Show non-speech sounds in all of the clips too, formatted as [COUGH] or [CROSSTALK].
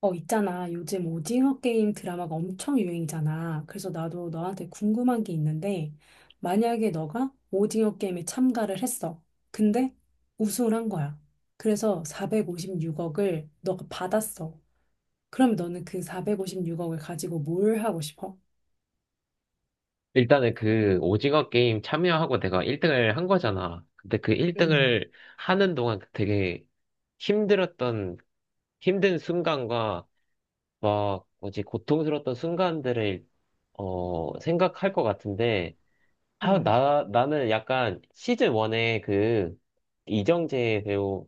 있잖아. 요즘 오징어 게임 드라마가 엄청 유행이잖아. 그래서 나도 너한테 궁금한 게 있는데, 만약에 너가 오징어 게임에 참가를 했어. 근데 우승을 한 거야. 그래서 456억을 너가 받았어. 그럼 너는 그 456억을 가지고 뭘 하고 싶어? 일단은 그 오징어 게임 참여하고 내가 1등을 한 거잖아. 근데 그 음, 1등을 하는 동안 그 되게 힘들었던, 힘든 순간과 막 뭐지, 고통스러웠던 순간들을, 생각할 것 같은데, 아, 음. 나는 약간 시즌 1에 그 이정재 배우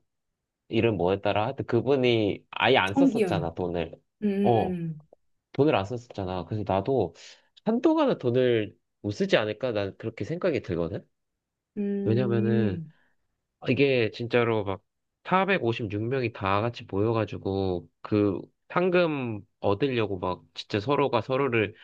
이름 뭐였더라? 하여튼 그분이 아예 안 썼었잖아, 성기훈. 돈을. 음, 어. 음, 돈을 안 썼었잖아. 그래서 나도 한동안은 돈을 못 쓰지 않을까? 난 그렇게 생각이 들거든? 음. 왜냐면은 음, 이게 진짜로 막 456명이 다 같이 모여가지고 그 상금 얻으려고 막 진짜 서로가 서로를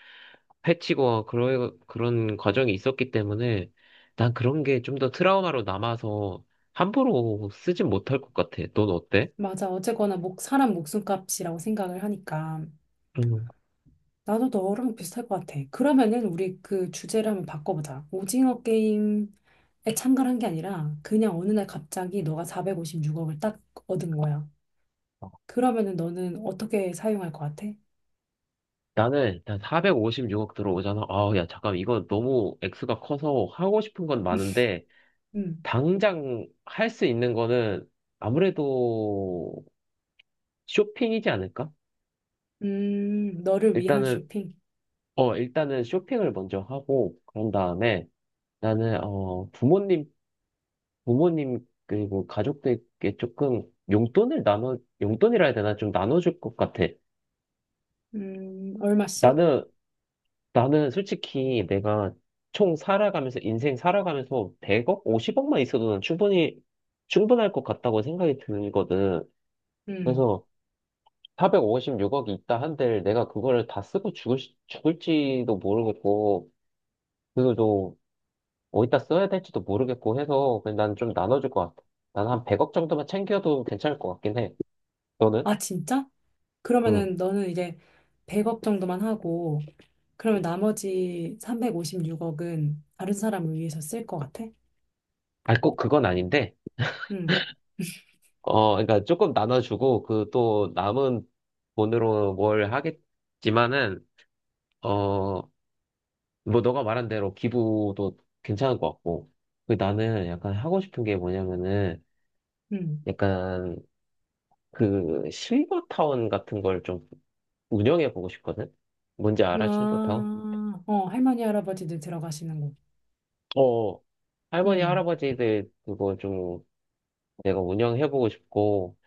해치고 그런, 그런 과정이 있었기 때문에 난 그런 게 좀 더 트라우마로 남아서 함부로 쓰진 못할 것 같아. 넌 어때? 맞아. 어쨌거나 사람 목숨값이라고 생각을 하니까. 음. 나도 너랑 비슷할 것 같아. 그러면은 우리 그 주제를 한번 바꿔보자. 오징어 게임에 참가를 한 게 아니라 그냥 어느 날 갑자기 너가 456억을 딱 얻은 거야. 그러면은 너는 어떻게 사용할 것 같아? 나는 일단 456억 들어오잖아. 아, 야, 잠깐, 이거 너무 액수가 커서 하고 싶은 건 많은데, 음, 당장 할 수 있는 거는 아무래도 쇼핑이지 않을까? 너를 위한 일단은, 쇼핑. 일단은 쇼핑을 먼저 하고, 그런 다음에 나는, 부모님, 부모님, 그리고 가족들께 조금 용돈을 나눠, 용돈이라 해야 되나? 좀 나눠줄 것 같아. 얼마씩? 나는 나는 솔직히 내가 총 살아가면서, 인생 살아가면서 100억, 50억만 있어도 난 충분히, 충분할 것 같다고 생각이 드거든. 음, 그래서 456억이 있다 한들 내가 그거를 다 쓰고 죽을지도 모르겠고, 그리고 또 어디다 써야 될지도 모르겠고 해서 그냥 난 좀 나눠줄 것 같아. 난 한 100억 정도만 챙겨도 괜찮을 것 같긴 해. 너는? 아, 진짜? 응. 그러면은 너는 이제 100억 정도만 하고, 그러면 나머지 356억은 다른 사람을 위해서 쓸 것 같아? 아, 꼭 그건 아닌데, 음, 그러니까 조금 나눠주고, 그 또 남은 돈으로 뭘 하겠, 지만은 어, 뭐 너가 말한 대로 기부도 괜찮을 것 같고. 그 나는 약간 하고 싶은 게 뭐냐면은 음. 약간 그 실버타운 같은 걸 좀 운영해 보고 싶거든? 뭔지 알아, 실버타운? 아, 어, 할머니, 할아버지들 들어가시는 곳. 어, 할머니, 음, 할아버지들 그거 좀 내가 운영해 보고 싶고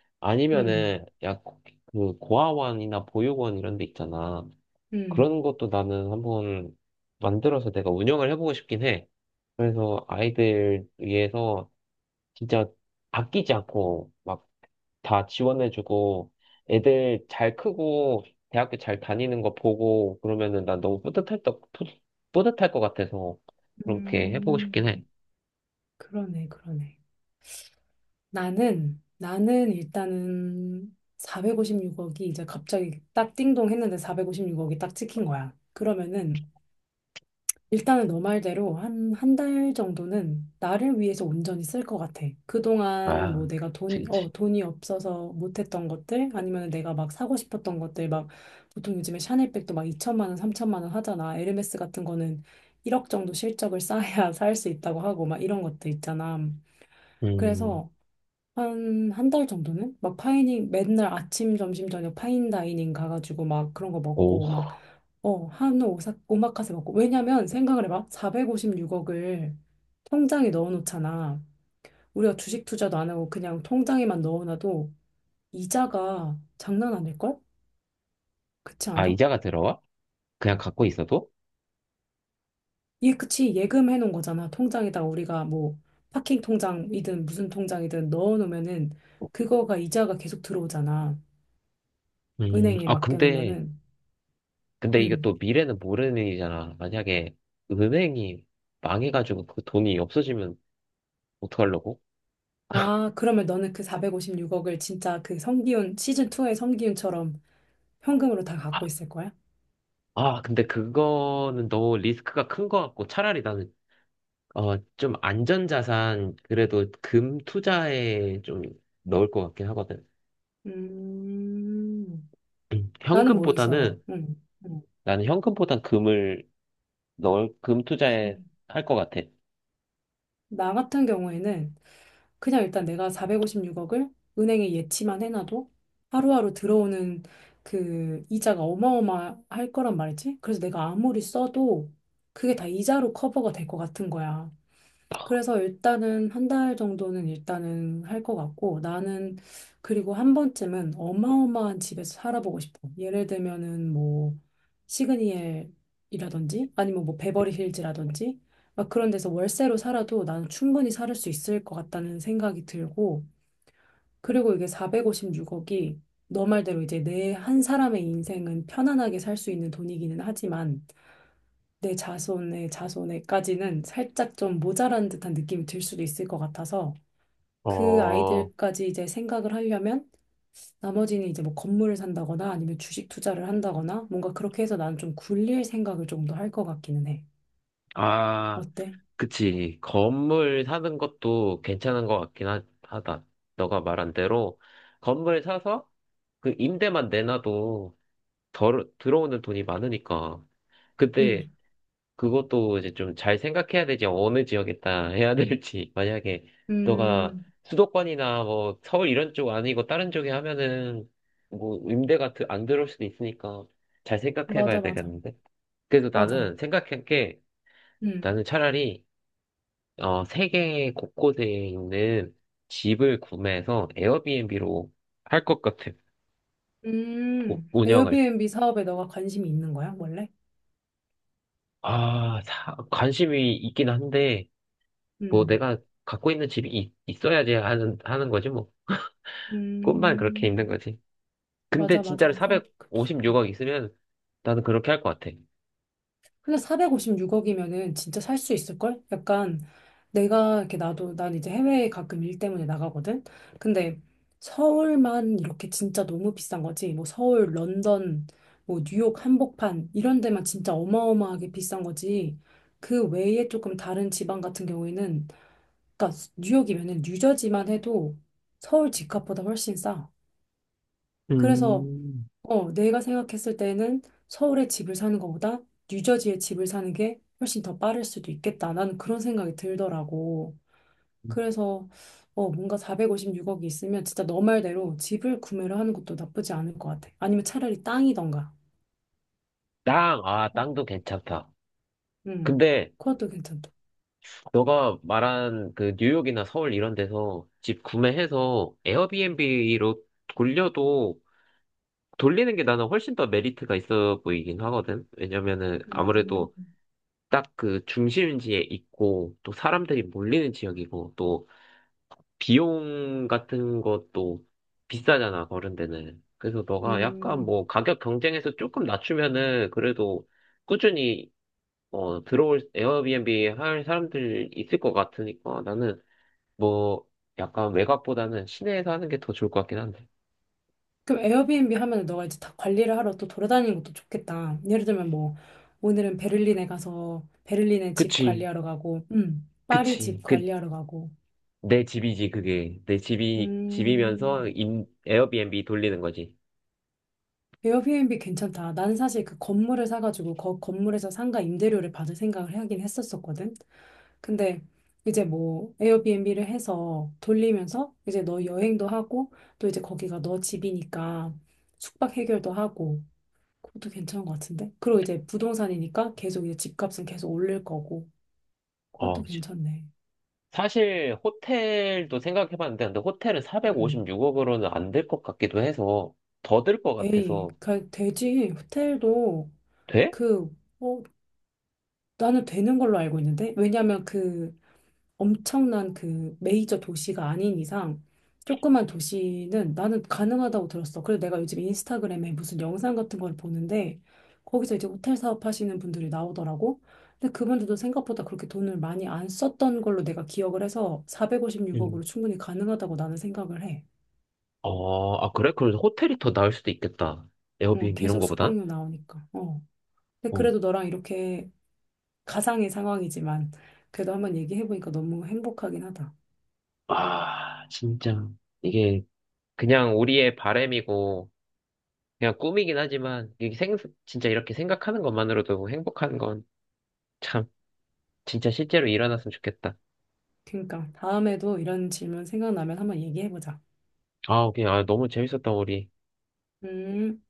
음, 아니면은 약그 고아원이나 보육원 이런 데 있잖아. 음, 그런 것도 나는 한번 만들어서 내가 운영을 해보고 싶긴 해. 그래서 아이들 위해서 진짜 아끼지 않고 막 다 지원해주고 애들 잘 크고 대학교 잘 다니는 거 보고 그러면은 난 너무 뿌듯할 것 같아서 그렇게 해보고 싶긴 음, 해. 그러네, 그러네. 나는 일단은 456억이 이제 갑자기 딱 띵동 했는데 456억이 딱 찍힌 거야. 그러면은 일단은 너 말대로 한, 한 달 정도는 나를 위해서 온전히 쓸 것 같아. 그동안 아, 뭐 내가 그치, 돈, 그치. 어, 돈이 없어서 못했던 것들, 아니면 내가 막 사고 싶었던 것들, 막 보통 요즘에 샤넬백도 막 2천만 원, 3천만 원 하잖아. 에르메스 같은 거는 1억 정도 실적을 [LAUGHS] 쌓아야 살 수 있다고 하고, 막 이런 것들 있잖아. 음, 그래서 한, 한 달 정도는? 막 맨날 아침, 점심, 저녁 파인다이닝 가가지고 막 그런 거 오. 먹고, 막, 한우 오마카세 먹고. 왜냐면 생각을 해봐. 456억을 통장에 넣어놓잖아. 우리가 주식 투자도 안 하고 그냥 통장에만 넣어놔도 이자가 장난 아닐걸? 그렇지 아, 않아? 이자가 들어와? 그냥 갖고 있어도? 예, 그치. 예금해놓은 거잖아. 통장에다가 우리가 뭐 파킹 통장이든 무슨 통장이든 넣어놓으면은 그거가 이자가 계속 들어오잖아. 은행에 아, 맡겨놓으면은. 근데 이게 응. 또 미래는 모르는 일이잖아. 만약에 은행이 망해가지고 그 돈이 없어지면 어떡하려고? 아, 그러면 너는 그 456억을 진짜 그 성기훈, 시즌2의 성기훈처럼 현금으로 다 갖고 있을 거야? 아, 근데 그거는 너무 리스크가 큰 것 같고 차라리 나는 좀 안전자산 그래도 금 투자에 좀 넣을 것 같긴 하거든. 음, 나는 모르겠어. 현금보다는 응, 응. 나는 현금보단 금을 넣을 금 그, 투자에 할 것 같아. 나 같은 경우에는 그냥 일단 내가 456억을 은행에 예치만 해놔도 하루하루 들어오는 그 이자가 어마어마할 거란 말이지. 그래서 내가 아무리 써도 그게 다 이자로 커버가 될 것 같은 거야. 그래서 일단은 한 달 정도는 일단은 할 것 같고 나는 그리고 한 번쯤은 어마어마한 집에서 살아보고 싶어. 예를 들면은 뭐 시그니엘이라든지 아니면 뭐 베버리 hills 라든지 막 그런 데서 월세로 살아도 나는 충분히 살 수 있을 것 같다는 생각이 들고 그리고 이게 456억이 너 말대로 이제 내 한 사람의 인생은 편안하게 살 수 있는 돈이기는 하지만 내 자손의 자손에까지는 살짝 좀 모자란 듯한 느낌이 들 수도 있을 것 같아서 그 어, 아이들까지 이제 생각을 하려면 나머지는 이제 뭐 건물을 산다거나 아니면 주식 투자를 한다거나 뭔가 그렇게 해서 나는 좀 굴릴 생각을 좀 더 할 것 같기는 해. 아, 어때? 그치. 건물 사는 것도 괜찮은 것 같긴 하다. 너가 말한 대로 건물 사서 그 임대만 내놔도 덜, 들어오는 돈이 많으니까. 음, 근데 그것도 이제 좀 잘 생각해야 되지. 어느 지역에다 해야 될지. [LAUGHS] 만약에 너가 음, 수도권이나 뭐 서울 이런 쪽 아니고 다른 쪽에 하면은 뭐 임대가 안 들어올 수도 있으니까 잘 생각해 맞아, 봐야 맞아, 되겠는데. 그래서 맞아. 나는 생각한 게 음, 나는 차라리 세계 곳곳에 있는 집을 구매해서 에어비앤비로 할 것 같아. 운영을. 에어비앤비 사업에 너가 관심이 있는 거야, 원래? 아, 관심이 있긴 한데 뭐 음, 내가 갖고 있는 집이 있, 어야지 하는 거지 뭐. 꿈만 그렇게 있는 음, 거지. 근데 맞아, 진짜로 맞아. 그치. 456억 있으면 나는 그렇게 할 것 같아. 근데 456억이면은 진짜 살 수 있을걸? 약간 내가 이렇게 나도 난 이제 해외에 가끔 일 때문에 나가거든? 근데 서울만 이렇게 진짜 너무 비싼 거지. 뭐 서울, 런던, 뭐 뉴욕 한복판 이런 데만 진짜 어마어마하게 비싼 거지. 그 외에 조금 다른 지방 같은 경우에는 그러니까 뉴욕이면은 뉴저지만 해도 서울 집값보다 훨씬 싸. 그래서 음, 내가 생각했을 때는 서울에 집을 사는 것보다 뉴저지에 집을 사는 게 훨씬 더 빠를 수도 있겠다. 나는 그런 생각이 들더라고. 그래서 뭔가 456억이 있으면 진짜 너 말대로 집을 구매를 하는 것도 나쁘지 않을 것 같아. 아니면 차라리 땅이던가. 아, 어? 땅도 괜찮다. 음, 근데 그것도 괜찮다. 너가 말한 그 뉴욕이나 서울 이런 데서 집 구매해서 에어비앤비로 돌려도 돌리는 게 나는 훨씬 더 메리트가 있어 보이긴 하거든. 왜냐면은 음, 아무래도 딱 그 중심지에 있고 또 사람들이 몰리는 지역이고 또 비용 같은 것도 비싸잖아, 그런 데는. 그래서 너가 약간 음. 뭐 가격 경쟁에서 조금 낮추면은 그래도 꾸준히 들어올 에어비앤비 할 사람들 있을 것 같으니까 나는 뭐 약간 외곽보다는 시내에서 하는 게 더 좋을 것 같긴 한데. 그럼 에어비앤비 하면 너가 이제 다 관리를 하러 또 돌아다니는 것도 좋겠다. 예를 들면 뭐 오늘은 베를린에 가서 베를린에 집 그치, 관리하러 가고, 파리 그치. 집 관리하러 가고. 내 집이지, 그게. 내 음, 집이면서 에어비앤비 돌리는 거지. 에어비앤비 괜찮다. 나는 사실 그 건물을 사가지고 그 건물에서 상가 임대료를 받을 생각을 하긴 했었었거든. 근데 이제 뭐 에어비앤비를 해서 돌리면서 이제 너 여행도 하고 또 이제 거기가 너 집이니까 숙박 해결도 하고 그것도 괜찮은 것 같은데. 그리고 이제 부동산이니까 계속 이제 집값은 계속 올릴 거고 어, 그것도 괜찮네. 사실 호텔도 생각해봤는데 근데 호텔은 음. 456억으로는 안 될 것 같기도 해서 더 들 것 에이, 같아서 되지. 호텔도 돼? 그 어, 나는 되는 걸로 알고 있는데 왜냐면 그 엄청난 그 메이저 도시가 아닌 이상 조그만 도시는 나는 가능하다고 들었어. 그래서 내가 요즘 인스타그램에 무슨 영상 같은 걸 보는데 거기서 이제 호텔 사업 하시는 분들이 나오더라고. 근데 그분들도 생각보다 그렇게 돈을 많이 안 썼던 걸로 내가 기억을 해서 응. 456억으로 충분히 가능하다고 나는 생각을 해. 어, 아 그래? 그럼 호텔이 더 나을 수도 있겠다. 응, 에어비앤비 이런 계속 거보단? 숙박료 나오니까. 어. 근데 어. 그래도 너랑 이렇게 가상의 상황이지만 그래도 한번 얘기해보니까 너무 행복하긴 하다. 아 진짜 이게 그냥 우리의 바램이고 그냥 꿈이긴 하지만 이게 생 진짜 이렇게 생각하는 것만으로도 행복한 건 참 진짜 실제로 일어났으면 좋겠다. 그러니까 다음에도 이런 질문 생각나면 한번 얘기해보자. 아 그냥 아, 너무 재밌었다 우리. 음.